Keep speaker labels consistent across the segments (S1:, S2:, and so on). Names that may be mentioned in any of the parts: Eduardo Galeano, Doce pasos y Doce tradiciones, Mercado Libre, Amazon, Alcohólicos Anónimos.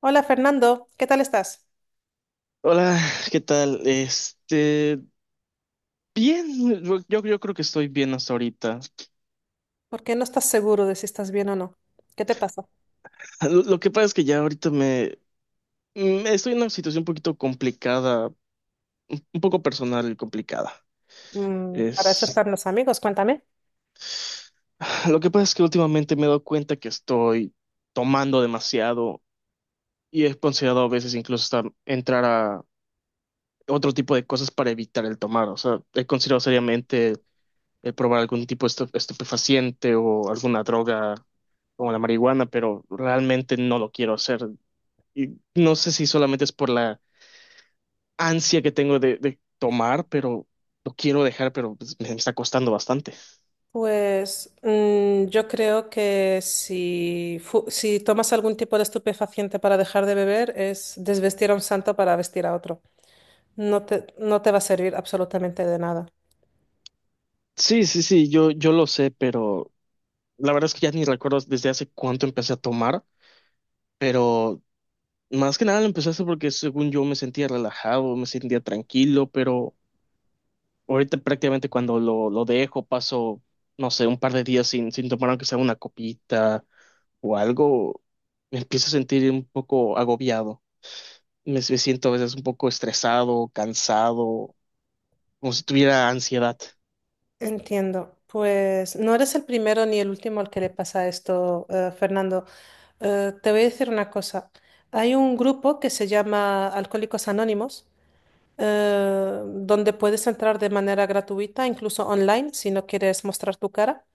S1: Hola Fernando, ¿qué tal estás?
S2: Hola, ¿qué tal? Bien, yo creo que estoy bien hasta ahorita.
S1: ¿Por qué no estás seguro de si estás bien o no? ¿Qué te pasa?
S2: Lo que pasa es que ya ahorita me estoy en una situación un poquito complicada, un poco personal y complicada.
S1: Para eso
S2: Es,
S1: están los amigos, cuéntame.
S2: lo que pasa es que últimamente me he dado cuenta que estoy tomando demasiado y he considerado a veces incluso hasta entrar a otro tipo de cosas para evitar el tomar. O sea, he considerado seriamente probar algún tipo de estupefaciente o alguna droga como la marihuana, pero realmente no lo quiero hacer. Y no sé si solamente es por la ansia que tengo de tomar, pero lo quiero dejar, pero pues, me está costando bastante.
S1: Pues yo creo que si, si tomas algún tipo de estupefaciente para dejar de beber, es desvestir a un santo para vestir a otro. No te va a servir absolutamente de nada.
S2: Sí, sí, sí, yo lo sé, pero la verdad es que ya ni recuerdo desde hace cuánto empecé a tomar, pero más que nada lo empecé a hacer porque según yo me sentía relajado, me sentía tranquilo, pero... Ahorita prácticamente cuando lo dejo paso, no sé, un par de días sin tomar aunque sea una copita o algo, me empiezo a sentir un poco agobiado. Me siento a veces un poco estresado, cansado, como si tuviera ansiedad.
S1: Entiendo. Pues no eres el primero ni el último al que le pasa esto, Fernando. Te voy a decir una cosa. Hay un grupo que se llama Alcohólicos Anónimos, donde puedes entrar de manera gratuita, incluso online, si no quieres mostrar tu cara,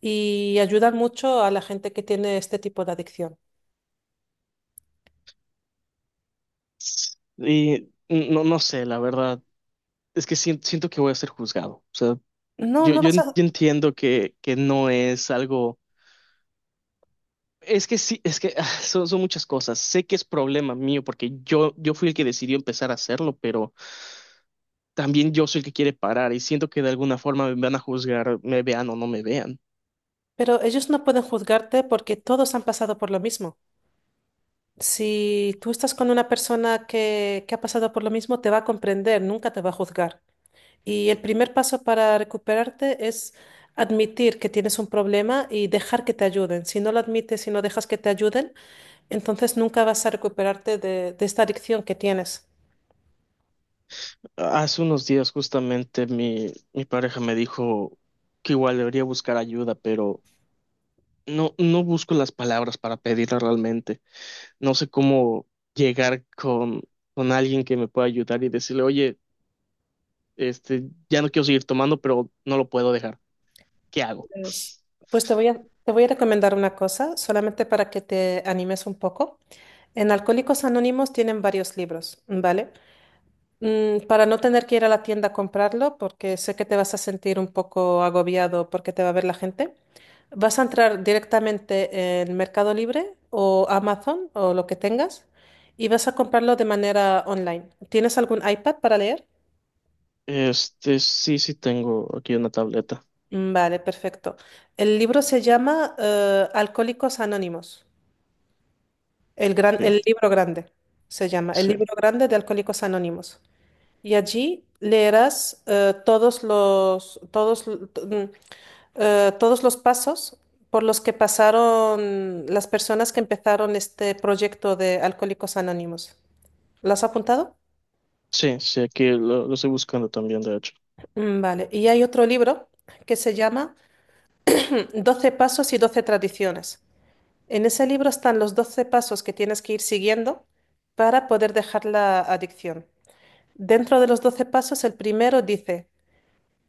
S1: y ayudan mucho a la gente que tiene este tipo de adicción.
S2: Y no, no sé, la verdad, es que siento, siento que voy a ser juzgado. O sea,
S1: No, no vas a...
S2: yo entiendo que no es algo... Es que sí, es que son, son muchas cosas. Sé que es problema mío porque yo fui el que decidió empezar a hacerlo, pero... también yo soy el que quiere parar y siento que de alguna forma me van a juzgar, me vean o no me vean.
S1: Pero ellos no pueden juzgarte porque todos han pasado por lo mismo. Si tú estás con una persona que ha pasado por lo mismo, te va a comprender, nunca te va a juzgar. Y el primer paso para recuperarte es admitir que tienes un problema y dejar que te ayuden. Si no lo admites y no dejas que te ayuden, entonces nunca vas a recuperarte de esta adicción que tienes.
S2: Hace unos días justamente mi pareja me dijo que igual debería buscar ayuda, pero no, no busco las palabras para pedirla realmente. No sé cómo llegar con alguien que me pueda ayudar y decirle, oye, este, ya no quiero seguir tomando, pero no lo puedo dejar. ¿Qué hago?
S1: Pues, pues te voy a recomendar una cosa, solamente para que te animes un poco. En Alcohólicos Anónimos tienen varios libros, ¿vale? Para no tener que ir a la tienda a comprarlo, porque sé que te vas a sentir un poco agobiado porque te va a ver la gente, vas a entrar directamente en Mercado Libre o Amazon o lo que tengas y vas a comprarlo de manera online. ¿Tienes algún iPad para leer?
S2: Este, sí, sí tengo aquí una tableta.
S1: Vale, perfecto. El libro se llama Alcohólicos Anónimos.
S2: Ok,
S1: El libro grande se llama, el
S2: sí.
S1: libro grande de Alcohólicos Anónimos. Y allí leerás todos todos, todos los pasos por los que pasaron las personas que empezaron este proyecto de Alcohólicos Anónimos. ¿Lo has apuntado?
S2: Sí, sí, aquí lo estoy buscando también, de hecho.
S1: Vale. Y hay otro libro que se llama Doce pasos y Doce tradiciones. En ese libro están los 12 pasos que tienes que ir siguiendo para poder dejar la adicción. Dentro de los 12 pasos, el primero dice,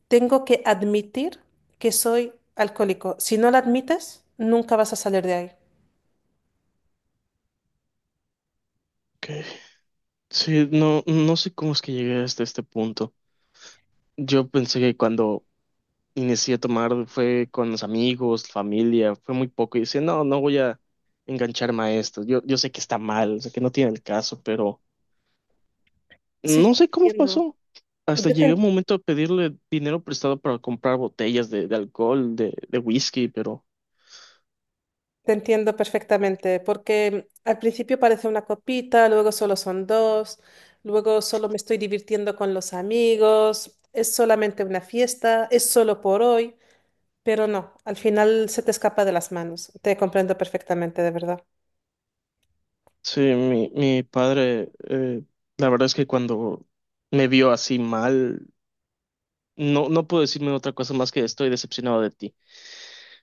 S1: tengo que admitir que soy alcohólico. Si no lo admites, nunca vas a salir de ahí.
S2: Ok. Sí, no, no sé cómo es que llegué hasta este punto. Yo pensé que cuando inicié a tomar fue con los amigos, familia, fue muy poco. Y decía, no, no voy a engancharme a esto. Yo sé que está mal, sé que no tiene el caso, pero
S1: Sí,
S2: no
S1: yo te
S2: sé cómo
S1: entiendo.
S2: pasó. Hasta
S1: Yo te
S2: llegué un momento a pedirle dinero prestado para comprar botellas de alcohol, de whisky, pero
S1: Te entiendo perfectamente, porque al principio parece una copita, luego solo son dos, luego solo me estoy divirtiendo con los amigos, es solamente una fiesta, es solo por hoy, pero no, al final se te escapa de las manos. Te comprendo perfectamente, de verdad.
S2: sí, mi padre, la verdad es que cuando me vio así mal, no, no puedo decirme otra cosa más que estoy decepcionado de ti.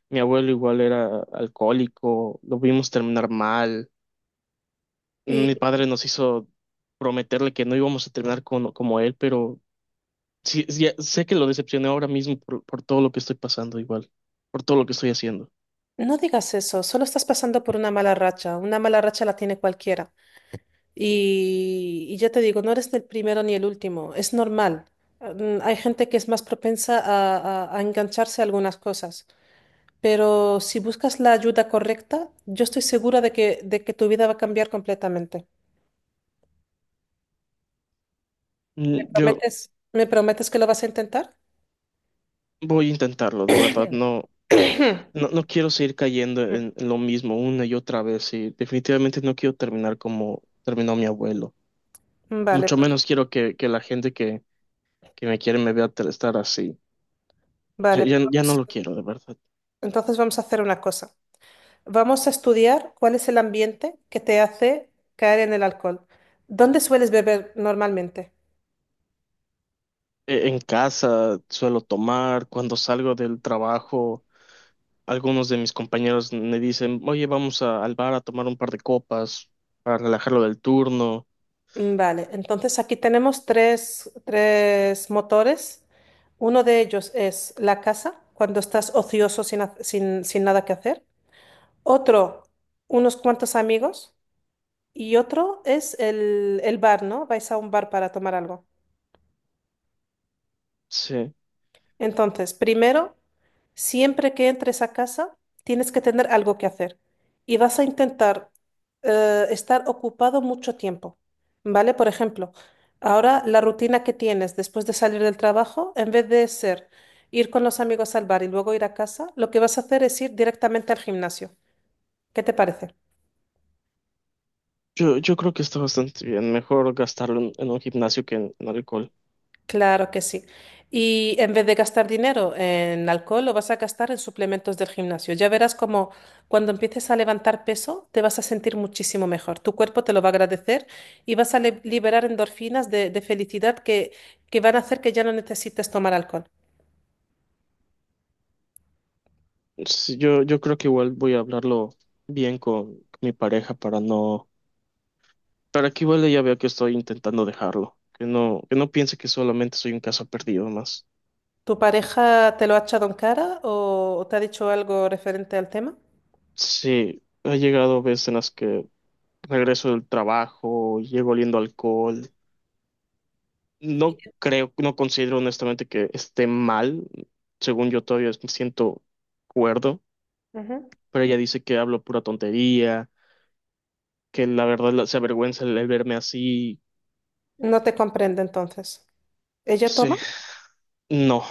S2: Mi abuelo igual era alcohólico, lo vimos terminar mal. Mi
S1: Y
S2: padre nos hizo prometerle que no íbamos a terminar con, como él, pero sí, sí, ya sé que lo decepcioné ahora mismo por todo lo que estoy pasando igual, por todo lo que estoy haciendo.
S1: no digas eso, solo estás pasando por una mala racha la tiene cualquiera. Y ya te digo, no eres el primero ni el último, es normal. Hay gente que es más propensa a a engancharse a algunas cosas. Pero si buscas la ayuda correcta, yo estoy segura de que tu vida va a cambiar completamente.
S2: Yo
S1: Me prometes que lo vas a intentar?
S2: voy a intentarlo, de verdad, no, no, no quiero seguir cayendo en lo mismo una y otra vez y definitivamente no quiero terminar como terminó mi abuelo.
S1: Vale,
S2: Mucho
S1: pues-
S2: menos quiero que la gente que me quiere me vea estar así. Ya,
S1: vale.
S2: ya, ya no
S1: Pues,
S2: lo quiero, de verdad.
S1: entonces vamos a hacer una cosa. Vamos a estudiar cuál es el ambiente que te hace caer en el alcohol. ¿Dónde sueles beber normalmente?
S2: En casa suelo tomar, cuando salgo del trabajo. Algunos de mis compañeros me dicen, oye, al bar a tomar un par de copas para relajarlo del turno.
S1: Vale, entonces aquí tenemos tres motores. Uno de ellos es la casa, cuando estás ocioso sin, sin nada que hacer. Otro, unos cuantos amigos. Y otro es el bar, ¿no? Vais a un bar para tomar algo.
S2: Sí,
S1: Entonces, primero, siempre que entres a casa, tienes que tener algo que hacer. Y vas a intentar estar ocupado mucho tiempo, ¿vale? Por ejemplo, ahora la rutina que tienes después de salir del trabajo, en vez de ser ir con los amigos al bar y luego ir a casa, lo que vas a hacer es ir directamente al gimnasio. ¿Qué te parece?
S2: yo creo que está bastante bien. Mejor gastarlo en un gimnasio que en alcohol.
S1: Claro que sí. Y en vez de gastar dinero en alcohol, lo vas a gastar en suplementos del gimnasio. Ya verás como cuando empieces a levantar peso, te vas a sentir muchísimo mejor. Tu cuerpo te lo va a agradecer y vas a liberar endorfinas de felicidad que van a hacer que ya no necesites tomar alcohol.
S2: Sí, yo creo que igual voy a hablarlo bien con mi pareja para no, para que igual ella vea que estoy intentando dejarlo, que no piense que solamente soy un caso perdido más.
S1: ¿Tu pareja te lo ha echado en cara o te ha dicho algo referente al tema?
S2: Sí, ha llegado veces en las que regreso del trabajo, llego oliendo alcohol. No creo, no considero honestamente que esté mal. Según yo todavía me siento cuerdo,
S1: Ujú.
S2: pero ella dice que hablo pura tontería, que la verdad se avergüenza el verme así.
S1: No te comprende entonces. ¿Ella
S2: Sí,
S1: toma?
S2: no.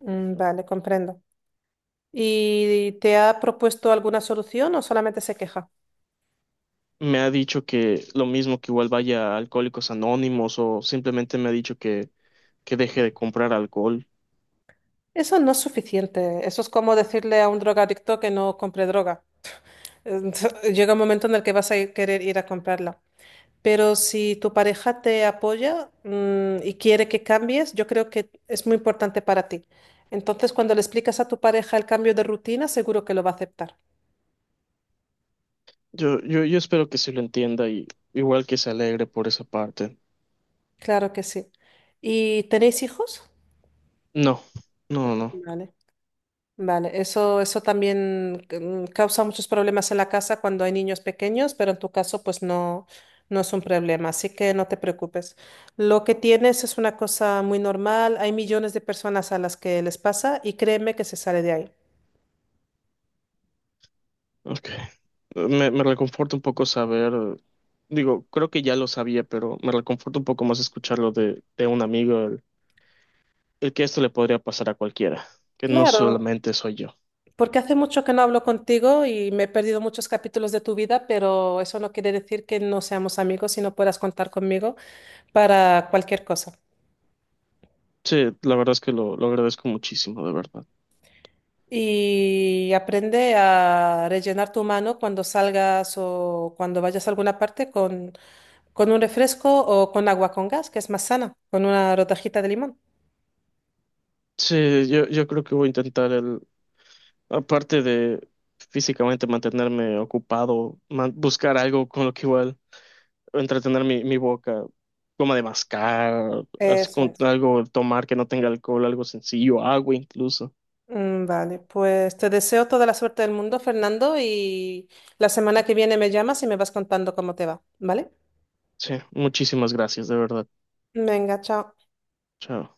S1: Vale, comprendo. ¿Y te ha propuesto alguna solución o solamente se queja?
S2: Me ha dicho que lo mismo que igual vaya a Alcohólicos Anónimos o simplemente me ha dicho que deje de comprar alcohol.
S1: Eso no es suficiente. Eso es como decirle a un drogadicto que no compre droga. Eh, Llega un momento en el que vas a querer ir a comprarla. Pero si tu pareja te apoya, y quiere que cambies, yo creo que es muy importante para ti. Entonces, cuando le explicas a tu pareja el cambio de rutina, seguro que lo va a aceptar.
S2: Yo espero que sí lo entienda y igual que se alegre por esa parte.
S1: Claro que sí. ¿Y tenéis hijos?
S2: No, no, no. No.
S1: Vale. Vale, eso también causa muchos problemas en la casa cuando hay niños pequeños, pero en tu caso pues no, no es un problema, así que no te preocupes. Lo que tienes es una cosa muy normal, hay millones de personas a las que les pasa y créeme que se sale de ahí.
S2: Ok. Me reconforta un poco saber, digo, creo que ya lo sabía, pero me reconforta un poco más escucharlo de un amigo, el que esto le podría pasar a cualquiera, que no
S1: Claro,
S2: solamente soy yo.
S1: porque hace mucho que no hablo contigo y me he perdido muchos capítulos de tu vida, pero eso no quiere decir que no seamos amigos y no puedas contar conmigo para cualquier cosa.
S2: Sí, la verdad es que lo agradezco muchísimo, de verdad.
S1: Y aprende a rellenar tu mano cuando salgas o cuando vayas a alguna parte con un refresco o con agua con gas, que es más sana, con una rodajita de limón.
S2: Sí, yo creo que voy a intentar el, aparte de físicamente mantenerme ocupado, buscar algo con lo que igual entretener mi boca, como de mascar, así
S1: Eso
S2: con
S1: es.
S2: algo, tomar que no tenga alcohol, algo sencillo, agua incluso.
S1: Vale, pues te deseo toda la suerte del mundo, Fernando, y la semana que viene me llamas y me vas contando cómo te va, ¿vale?
S2: Sí, muchísimas gracias, de verdad.
S1: Venga, chao.
S2: Chao.